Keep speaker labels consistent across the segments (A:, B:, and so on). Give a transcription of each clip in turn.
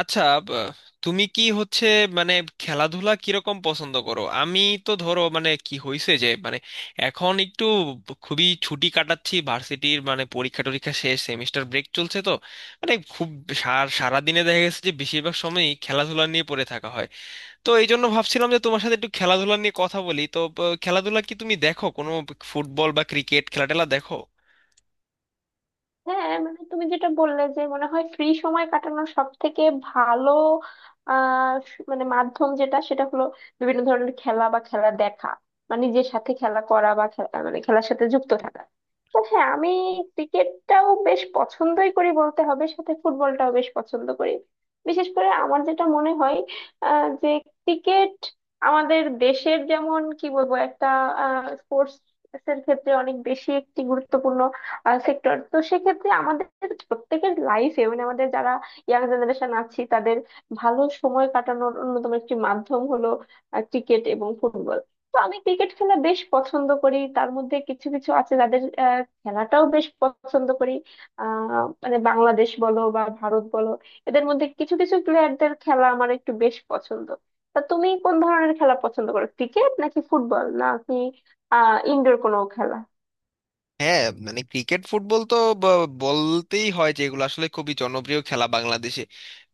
A: আচ্ছা। ব- তুমি কি হচ্ছে মানে খেলাধুলা কিরকম পছন্দ করো? আমি তো ধরো মানে কি হয়েছে যে মানে এখন একটু খুবই ছুটি কাটাচ্ছি, ভার্সিটির মানে পরীক্ষা টরীক্ষা শেষ, সেমিস্টার ব্রেক চলছে, তো মানে খুব সারাদিনে দেখা গেছে যে বেশিরভাগ সময়ই খেলাধুলা নিয়ে পড়ে থাকা হয়। তো এই জন্য ভাবছিলাম যে তোমার সাথে একটু খেলাধুলা নিয়ে কথা বলি। তো খেলাধুলা কি তুমি দেখো? কোনো ফুটবল বা ক্রিকেট খেলা টেলা দেখো?
B: হ্যাঁ, মানে তুমি যেটা বললে যে মনে হয় ফ্রি সময় কাটানোর সব থেকে ভালো মানে মাধ্যম যেটা সেটা হলো বিভিন্ন ধরনের খেলা বা খেলা দেখা বা নিজের সাথে খেলা করা বা খেলা মানে খেলার সাথে যুক্ত থাকা। তো হ্যাঁ, আমি ক্রিকেটটাও বেশ পছন্দই করি বলতে হবে, সাথে ফুটবলটাও বেশ পছন্দ করি। বিশেষ করে আমার যেটা মনে হয় যে ক্রিকেট আমাদের দেশের যেমন কি বলবো একটা স্পোর্টস এর ক্ষেত্রে অনেক বেশি একটি গুরুত্বপূর্ণ সেক্টর। তো সেক্ষেত্রে আমাদের প্রত্যেকের লাইফে মানে আমাদের যারা ইয়াং জেনারেশন আছি তাদের ভালো সময় কাটানোর অন্যতম একটি মাধ্যম হলো ক্রিকেট এবং ফুটবল। তো আমি ক্রিকেট খেলা বেশ পছন্দ করি, তার মধ্যে কিছু কিছু আছে যাদের খেলাটাও বেশ পছন্দ করি। মানে বাংলাদেশ বলো বা ভারত বলো, এদের মধ্যে কিছু কিছু প্লেয়ারদের খেলা আমার একটু বেশ পছন্দ। তা তুমি কোন ধরনের খেলা পছন্দ করো, ক্রিকেট নাকি ফুটবল নাকি ইনডোর কোনো খেলা?
A: হ্যাঁ মানে ক্রিকেট ফুটবল তো বলতেই হয় যে এগুলো আসলে খুবই জনপ্রিয় খেলা বাংলাদেশে।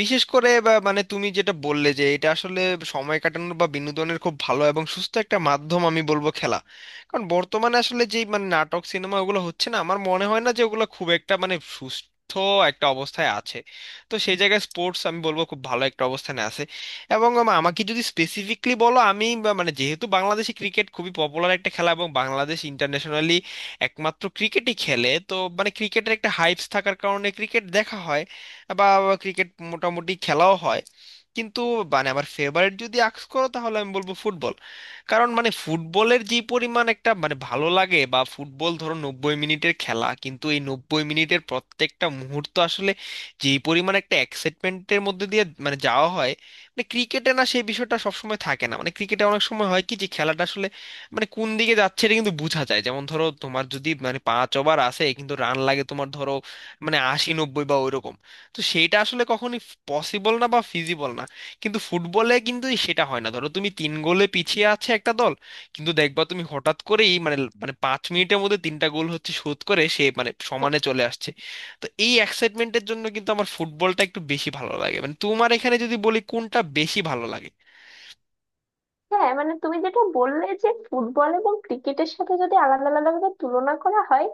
A: বিশেষ করে মানে তুমি যেটা বললে যে এটা আসলে সময় কাটানোর বা বিনোদনের খুব ভালো এবং সুস্থ একটা মাধ্যম, আমি বলবো খেলা। কারণ বর্তমানে আসলে যেই মানে নাটক সিনেমা ওগুলো হচ্ছে, না আমার মনে হয় না যে ওগুলো খুব একটা মানে সুস্থ একটা অবস্থায় আছে। তো সেই জায়গায় স্পোর্টস আমি বলবো খুব ভালো একটা অবস্থানে আছে। এবং আমাকে যদি স্পেসিফিকলি বলো, আমি মানে যেহেতু বাংলাদেশে ক্রিকেট খুবই পপুলার একটা খেলা এবং বাংলাদেশ ইন্টারন্যাশনালি একমাত্র ক্রিকেটই খেলে, তো মানে ক্রিকেটের একটা হাইপস থাকার কারণে ক্রিকেট দেখা হয় বা ক্রিকেট মোটামুটি খেলাও হয়। কিন্তু মানে আমার ফেভারিট যদি আস্ক করো, তাহলে আমি বলবো ফুটবল। কারণ মানে ফুটবলের যে পরিমাণ একটা মানে ভালো লাগে, বা ফুটবল ধরো 90 মিনিটের খেলা, কিন্তু এই 90 মিনিটের প্রত্যেকটা মুহূর্ত আসলে যে পরিমাণ একটা এক্সাইটমেন্টের মধ্যে দিয়ে মানে যাওয়া হয়, মানে ক্রিকেটে না সেই বিষয়টা সবসময় থাকে না। মানে ক্রিকেটে অনেক সময় হয় কি যে খেলাটা আসলে মানে কোন দিকে যাচ্ছে এটা কিন্তু বোঝা যায়। যেমন ধরো তোমার যদি মানে 5 ওভার আছে, কিন্তু রান লাগে তোমার ধরো মানে 80 90 বা ওইরকম, তো সেটা আসলে কখনই পসিবল না বা ফিজিবল না। কিন্তু ফুটবলে কিন্তু সেটা হয় না, ধরো তুমি 3 গোলে পিছিয়ে আছে একটা দল, কিন্তু দেখবা তুমি হঠাৎ করেই মানে মানে 5 মিনিটের মধ্যে 3টা গোল হচ্ছে, শোধ করে সে মানে সমানে চলে আসছে। তো এই এক্সাইটমেন্টের জন্য কিন্তু আমার ফুটবলটা একটু বেশি ভালো লাগে। মানে তোমার এখানে যদি বলি কোনটা বেশি ভালো লাগে।
B: হ্যাঁ, মানে তুমি যেটা বললে যে ফুটবল এবং ক্রিকেটের সাথে যদি আলাদা আলাদা ভাবে তুলনা করা হয়,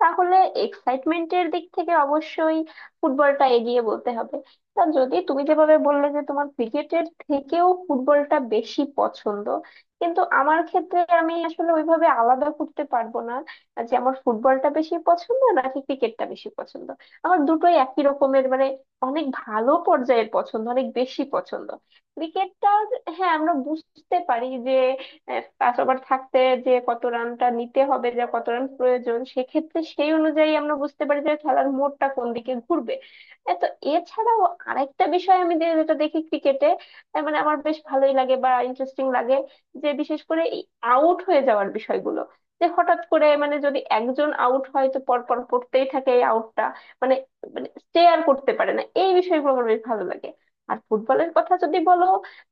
B: তাহলে এক্সাইটমেন্টের দিক থেকে অবশ্যই ফুটবলটা এগিয়ে বলতে হবে। তা যদি তুমি যেভাবে বললে যে তোমার ক্রিকেটের থেকেও ফুটবলটা বেশি পছন্দ, কিন্তু আমার ক্ষেত্রে আমি আসলে ওইভাবে আলাদা করতে পারবো না যে আমার ফুটবলটা বেশি পছন্দ নাকি ক্রিকেটটা বেশি পছন্দ। আমার দুটোই একই রকমের, মানে অনেক ভালো পর্যায়ের পছন্দ, অনেক বেশি পছন্দ। ক্রিকেটটা, হ্যাঁ আমরা বুঝতে পারি যে পাস ওভার থাকতে যে কত রানটা নিতে হবে যা কত রান প্রয়োজন, সেক্ষেত্রে সেই অনুযায়ী আমরা বুঝতে পারি যে খেলার মোড়টা কোন দিকে ঘুরবে। এ তো এছাড়াও আরেকটা বিষয় আমি যেটা দেখি ক্রিকেটে, মানে আমার বেশ ভালোই লাগে বা ইন্টারেস্টিং লাগে, যে বিশেষ করে এই আউট হয়ে যাওয়ার বিষয়গুলো, যে হঠাৎ করে মানে যদি একজন আউট হয় তো পরপর পড়তেই থাকে এই আউটটা, মানে মানে স্টে আর করতে পারে না, এই বিষয়গুলো আমার বেশ ভালো লাগে। আর ফুটবলের কথা যদি বলো,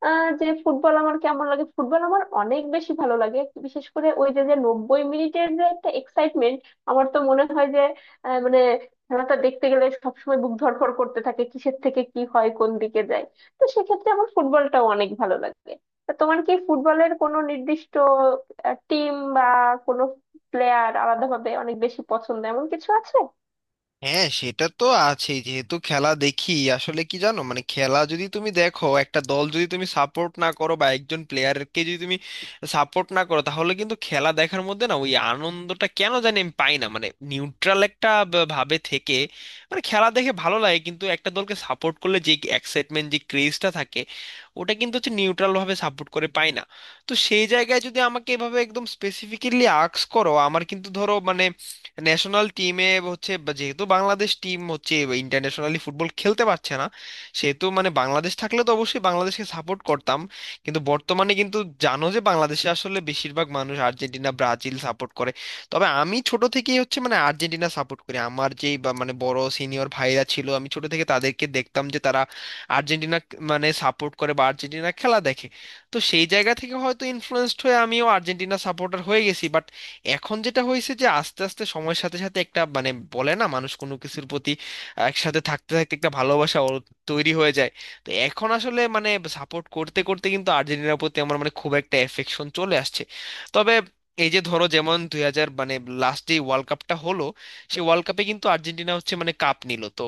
B: যে ফুটবল আমার কেমন লাগে, ফুটবল আমার অনেক বেশি ভালো লাগে। বিশেষ করে ওই যে যে 90 মিনিটের যে একটা এক্সাইটমেন্ট, আমার তো মনে হয় যে মানে খেলাটা দেখতে গেলে সবসময় বুক ধড়ফড় করতে থাকে কিসের থেকে কি হয়, কোন দিকে যায়। তো সেক্ষেত্রে আমার ফুটবলটাও অনেক ভালো লাগে। তা তোমার কি ফুটবলের কোনো নির্দিষ্ট টিম বা কোনো প্লেয়ার আলাদাভাবে অনেক বেশি পছন্দ, এমন কিছু আছে?
A: হ্যাঁ সেটা তো আছেই, যেহেতু খেলা দেখি। আসলে কি জানো, মানে খেলা যদি তুমি দেখো, একটা দল যদি তুমি সাপোর্ট না করো বা একজন প্লেয়ারকে যদি তুমি সাপোর্ট না করো, তাহলে কিন্তু খেলা দেখার মধ্যে না ওই আনন্দটা কেন জানি আমি পাই না। মানে নিউট্রাল একটা ভাবে থেকে মানে খেলা দেখে ভালো লাগে, কিন্তু একটা দলকে সাপোর্ট করলে যে এক্সাইটমেন্ট যে ক্রেজটা থাকে, ওটা কিন্তু হচ্ছে নিউট্রাল ভাবে সাপোর্ট করে পাই না। তো সেই জায়গায় যদি আমাকে এভাবে একদম স্পেসিফিক্যালি আস্ক করো, আমার কিন্তু ধরো মানে ন্যাশনাল টিমে হচ্ছে যেহেতু বাংলাদেশ টিম হচ্ছে ইন্টারন্যাশনালি ফুটবল খেলতে পারছে না, সেহেতু মানে বাংলাদেশ থাকলে তো অবশ্যই বাংলাদেশকে সাপোর্ট করতাম। কিন্তু বর্তমানে কিন্তু জানো যে বাংলাদেশে আসলে বেশিরভাগ মানুষ আর্জেন্টিনা ব্রাজিল সাপোর্ট করে। তবে আমি ছোট থেকেই হচ্ছে মানে আর্জেন্টিনা সাপোর্ট করি। আমার যেই বা মানে বড় সিনিয়র ভাইরা ছিল, আমি ছোট থেকে তাদেরকে দেখতাম যে তারা আর্জেন্টিনা মানে সাপোর্ট করে বা আর্জেন্টিনা খেলা দেখে। তো সেই জায়গা থেকে হয়তো ইনফ্লুয়েন্সড হয়ে আমিও আর্জেন্টিনা সাপোর্টার হয়ে গেছি। বাট এখন যেটা হয়েছে যে আস্তে আস্তে সময়ের সাথে সাথে একটা মানে বলে না, মানুষ কোনো কিছুর প্রতি একসাথে থাকতে থাকতে একটা ভালোবাসা ওর তৈরি হয়ে যায়। তো এখন আসলে মানে সাপোর্ট করতে করতে কিন্তু আর্জেন্টিনার প্রতি আমার মানে খুব একটা এফেকশন চলে আসছে। তবে এই যে ধরো যেমন 2000 মানে লাস্ট যে ওয়ার্ল্ড কাপটা হলো, সেই ওয়ার্ল্ড কাপে কিন্তু আর্জেন্টিনা হচ্ছে মানে কাপ নিল তো,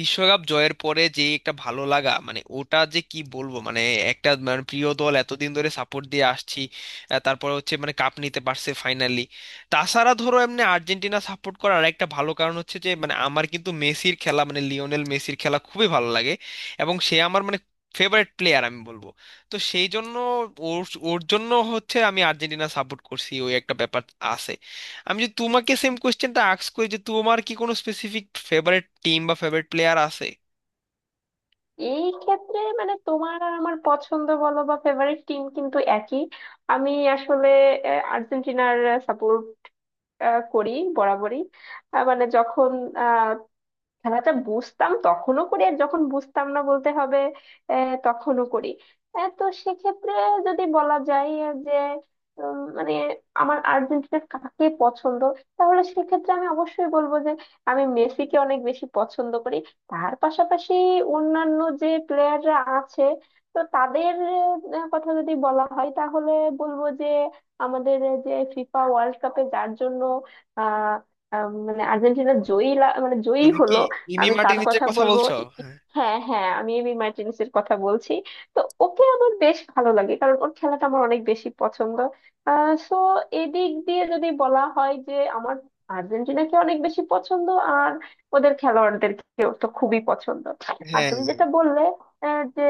A: বিশ্বকাপ জয়ের পরে যে একটা ভালো লাগা, মানে ওটা যে কি বলবো মানে, একটা মানে প্রিয় দল এতদিন ধরে সাপোর্ট দিয়ে আসছি, তারপরে হচ্ছে মানে কাপ নিতে পারছে ফাইনালি। তাছাড়া ধরো এমনি আর্জেন্টিনা সাপোর্ট করার একটা ভালো কারণ হচ্ছে যে মানে আমার কিন্তু মেসির খেলা মানে লিওনেল মেসির খেলা খুবই ভালো লাগে এবং সে আমার মানে ফেভারিট প্লেয়ার আমি বলবো। তো সেই জন্য ওর ওর জন্য হচ্ছে আমি আর্জেন্টিনা সাপোর্ট করছি, ওই একটা ব্যাপার আছে। আমি যদি তোমাকে সেম কোয়েশ্চেনটা আস্ক করি, যে তোমার কি কোনো স্পেসিফিক ফেভারিট টিম বা ফেভারিট প্লেয়ার আছে?
B: এই ক্ষেত্রে মানে তোমার আর আমার পছন্দ বলো বা ফেভারিট টিম কিন্তু একই। আমি আসলে আর্জেন্টিনার সাপোর্ট করি বরাবরই। মানে যখন খেলাটা বুঝতাম তখনও করি আর যখন বুঝতাম না বলতে হবে তখনও করি। তো সেক্ষেত্রে যদি বলা যায় যে মানে আমার আর্জেন্টিনার কাকে পছন্দ, তাহলে সেক্ষেত্রে আমি অবশ্যই বলবো যে আমি মেসিকে অনেক বেশি পছন্দ করি। তার পাশাপাশি অন্যান্য যে প্লেয়াররা আছে তো তাদের কথা যদি বলা হয় তাহলে বলবো যে আমাদের যে ফিফা ওয়ার্ল্ড কাপে যার জন্য আহ আহ, মানে আর্জেন্টিনা মানে জয়ী
A: তুমি কি
B: হলো।
A: ইমি
B: আমি তার
A: মার্টিনেজের
B: কথা
A: কথা
B: বলবো।
A: বলছো? হ্যাঁ।
B: হ্যাঁ হ্যাঁ, আমি এমি মার্টিনেসের কথা বলছি। তো ওকে আমার বেশ ভালো লাগে কারণ ওর খেলাটা আমার অনেক বেশি পছন্দ। সো এদিক দিয়ে যদি বলা হয় যে আমার আর্জেন্টিনাকে অনেক বেশি পছন্দ আর ওদের খেলোয়াড়দেরকে তো খুবই পছন্দ। আর
A: হ্যাঁ,
B: তুমি যেটা বললে যে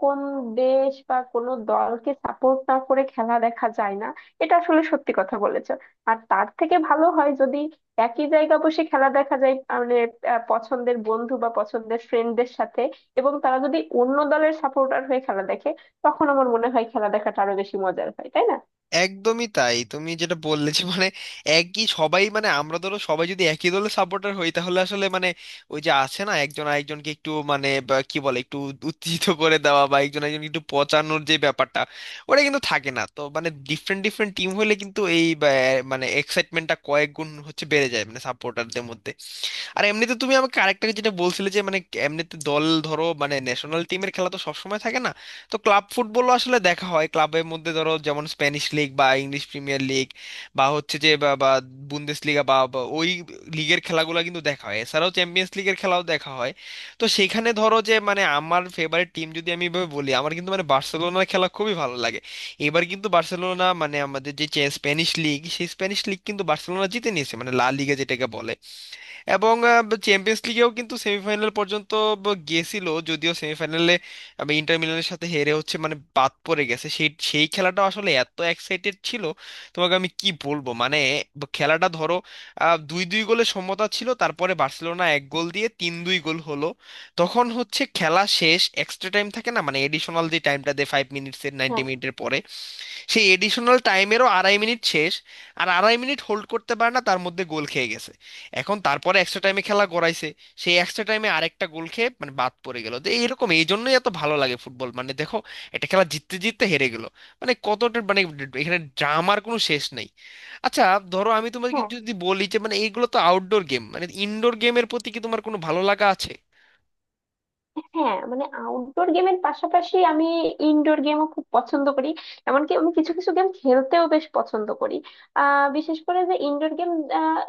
B: কোন দেশ বা কোন দলকে সাপোর্ট না করে খেলা দেখা যায় না, এটা আসলে সত্যি কথা বলেছো। আর তার থেকে ভালো হয় যদি একই জায়গা বসে খেলা দেখা যায়, মানে পছন্দের বন্ধু বা পছন্দের ফ্রেন্ডদের সাথে। এবং তারা যদি অন্য দলের সাপোর্টার হয়ে খেলা দেখে, তখন আমার মনে হয় খেলা দেখাটা আরো বেশি মজার হয়, তাই না?
A: একদমই তাই। তুমি যেটা বললে যে মানে একই সবাই মানে আমরা ধরো সবাই যদি একই দলের সাপোর্টার হই, তাহলে আসলে মানে ওই যে আছে না একজন আরেকজনকে একটু মানে বা কি বলে একটু উত্তেজিত করে দেওয়া বা একজন আরেকজনকে একটু পচানোর যে ব্যাপারটা, ওটা কিন্তু থাকে না। তো মানে ডিফারেন্ট ডিফারেন্ট টিম হলে কিন্তু এই মানে এক্সাইটমেন্টটা কয়েক গুণ হচ্ছে বেড়ে যায় মানে সাপোর্টারদের মধ্যে। আর এমনিতে তুমি আমাকে আরেকটা যেটা বলছিলে যে মানে এমনিতে দল ধরো মানে ন্যাশনাল টিমের খেলা তো সবসময় থাকে না। তো ক্লাব ফুটবলও আসলে দেখা হয় ক্লাবের মধ্যে, ধরো যেমন স্প্যানিশ লিগ বা ইংলিশ প্রিমিয়ার লিগ বা হচ্ছে যে বা বা বুন্দেশ লিগা বা বা ওই লিগের খেলাগুলো কিন্তু দেখা হয়। এছাড়াও চ্যাম্পিয়ন্স লিগের খেলাও দেখা হয়। তো সেখানে ধরো যে মানে আমার ফেভারিট টিম যদি আমি এভাবে বলি, আমার কিন্তু মানে বার্সেলোনার খেলা খুবই ভালো লাগে। এবার কিন্তু বার্সেলোনা মানে আমাদের যে স্প্যানিশ লিগ, সেই স্প্যানিশ লিগ কিন্তু বার্সেলোনা জিতে নিয়েছে, মানে লা লিগা যেটাকে বলে। এবং চ্যাম্পিয়ন্স লিগেও কিন্তু সেমিফাইনাল পর্যন্ত গেছিল, যদিও সেমিফাইনালে ইন্টার মিলানের সাথে হেরে হচ্ছে মানে বাদ পড়ে গেছে। সেই সেই খেলাটা আসলে এত এক্সাইটেড ছিল তোমাকে আমি কি বলবো, মানে খেলাটা ধরো 2-2 গোলে সমতা ছিল, তারপরে বার্সেলোনা এক গোল দিয়ে 3-2 গোল হলো। তখন হচ্ছে খেলা শেষ, এক্সট্রা টাইম থাকে না মানে এডিশনাল যে টাইমটা দেয় 5 মিনিটসের, নাইনটি
B: হ্যাঁ
A: মিনিটের পরে। সেই এডিশনাল টাইমেরও 2.5 মিনিট শেষ, আর 2.5 মিনিট হোল্ড করতে পারে না, তার মধ্যে গোল খেয়ে গেছে। এখন তারপরে এক্সট্রা টাইমে খেলা গড়াইছে, সেই এক্সট্রা টাইমে আরেকটা গোল খেয়ে মানে বাদ পড়ে গেল। তো এইরকম, এই জন্যই এত ভালো লাগে ফুটবল, মানে দেখো একটা খেলা জিততে জিততে হেরে গেল, মানে কতটা মানে এখানে ড্রামার কোনো শেষ নেই। আচ্ছা ধরো আমি তোমাকে
B: হ্যাঁ।
A: যদি বলি যে মানে এইগুলো তো আউটডোর গেম, মানে ইনডোর গেমের প্রতি কি তোমার কোনো ভালো লাগা আছে?
B: হ্যাঁ, মানে আউটডোর গেমের পাশাপাশি আমি ইনডোর গেমও খুব পছন্দ করি। এমনকি আমি কিছু কিছু গেম খেলতেও বেশ পছন্দ করি। বিশেষ করে যে ইনডোর গেম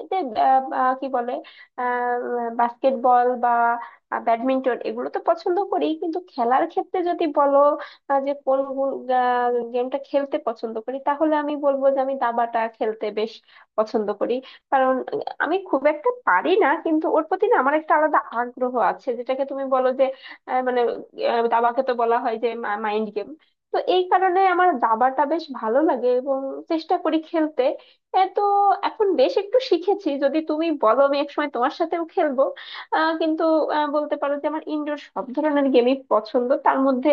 B: যে আহ, আহ, কি বলে বাস্কেটবল বা ব্যাডমিন্টন, এগুলো তো পছন্দ করি। কিন্তু খেলার ক্ষেত্রে যদি বলো যে কোন গেমটা খেলতে পছন্দ করি, তাহলে আমি বলবো যে আমি দাবাটা খেলতে বেশ পছন্দ করি। কারণ আমি খুব একটা পারি না কিন্তু ওর প্রতি না আমার একটা আলাদা আগ্রহ আছে, যেটাকে তুমি বলো মানে দাবাকে তো বলা হয় যে মাইন্ড গেম। তো এই কারণে আমার দাবাটা বেশ ভালো লাগে এবং চেষ্টা করি খেলতে। এ তো এখন বেশ একটু শিখেছি, যদি তুমি বলো আমি একসময় তোমার সাথেও খেলবো। কিন্তু বলতে পারো যে আমার ইনডোর সব ধরনের গেমই পছন্দ, তার মধ্যে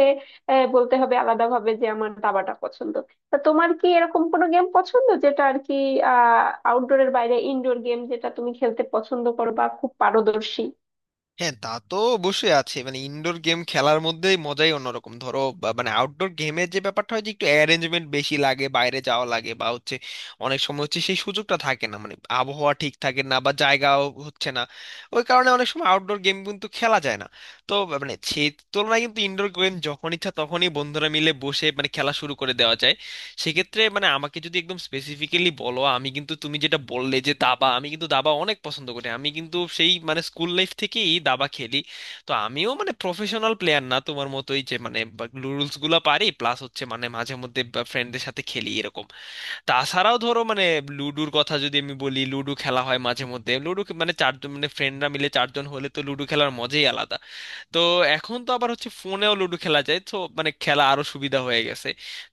B: বলতে হবে আলাদাভাবে যে আমার দাবাটা পছন্দ। তা তোমার কি এরকম কোনো গেম পছন্দ যেটা আর কি আহ আউটডোরের বাইরে ইনডোর গেম, যেটা তুমি খেলতে পছন্দ করো বা খুব পারদর্শী?
A: হ্যাঁ তা তো অবশ্যই আছে। মানে ইনডোর গেম খেলার মধ্যে মজাই অন্যরকম। ধরো মানে আউটডোর গেমের যে ব্যাপারটা হয় যে একটু অ্যারেঞ্জমেন্ট বেশি লাগে, বাইরে যাওয়া লাগে, বা হচ্ছে অনেক সময় হচ্ছে সেই সুযোগটা থাকে না, মানে আবহাওয়া ঠিক থাকে না বা জায়গাও হচ্ছে না, ওই কারণে অনেক সময় আউটডোর গেম কিন্তু খেলা যায় না। তো মানে সেই তুলনায় কিন্তু ইনডোর গেম যখন ইচ্ছা তখনই বন্ধুরা মিলে বসে মানে খেলা শুরু করে দেওয়া যায়। সেক্ষেত্রে মানে আমাকে যদি একদম স্পেসিফিক্যালি বলো, আমি কিন্তু তুমি যেটা বললে যে দাবা, আমি কিন্তু দাবা অনেক পছন্দ করি। আমি কিন্তু সেই মানে স্কুল লাইফ থেকেই দাবা খেলি। তো আমিও মানে প্রফেশনাল প্লেয়ার না তোমার মতোই, যে মানে রুলস গুলো পারি প্লাস হচ্ছে মানে মাঝে মধ্যে ফ্রেন্ডদের সাথে খেলি এরকম। তাছাড়াও ধরো মানে লুডোর কথা যদি আমি বলি, লুডো খেলা হয় মাঝে মধ্যে। লুডো মানে চারজন মানে ফ্রেন্ডরা মিলে চারজন হলে তো লুডো খেলার মজাই আলাদা। তো এখন তো আবার হচ্ছে ফোনেও লুডো খেলা যায়, তো মানে খেলা আরো সুবিধা হয়ে গেছে।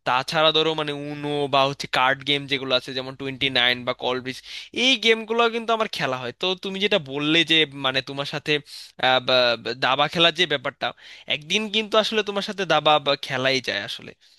A: তাছাড়া ধরো মানে উনো বা হচ্ছে কার্ড গেম যেগুলো আছে, যেমন 29 বা কল ব্রিজ, এই গেমগুলো কিন্তু আমার খেলা হয়। তো তুমি যেটা বললে যে মানে তোমার সাথে বা দাবা খেলার যে ব্যাপারটা, একদিন কিন্তু আসলে তোমার সাথে দাবা বা খেলাই যায় আসলে।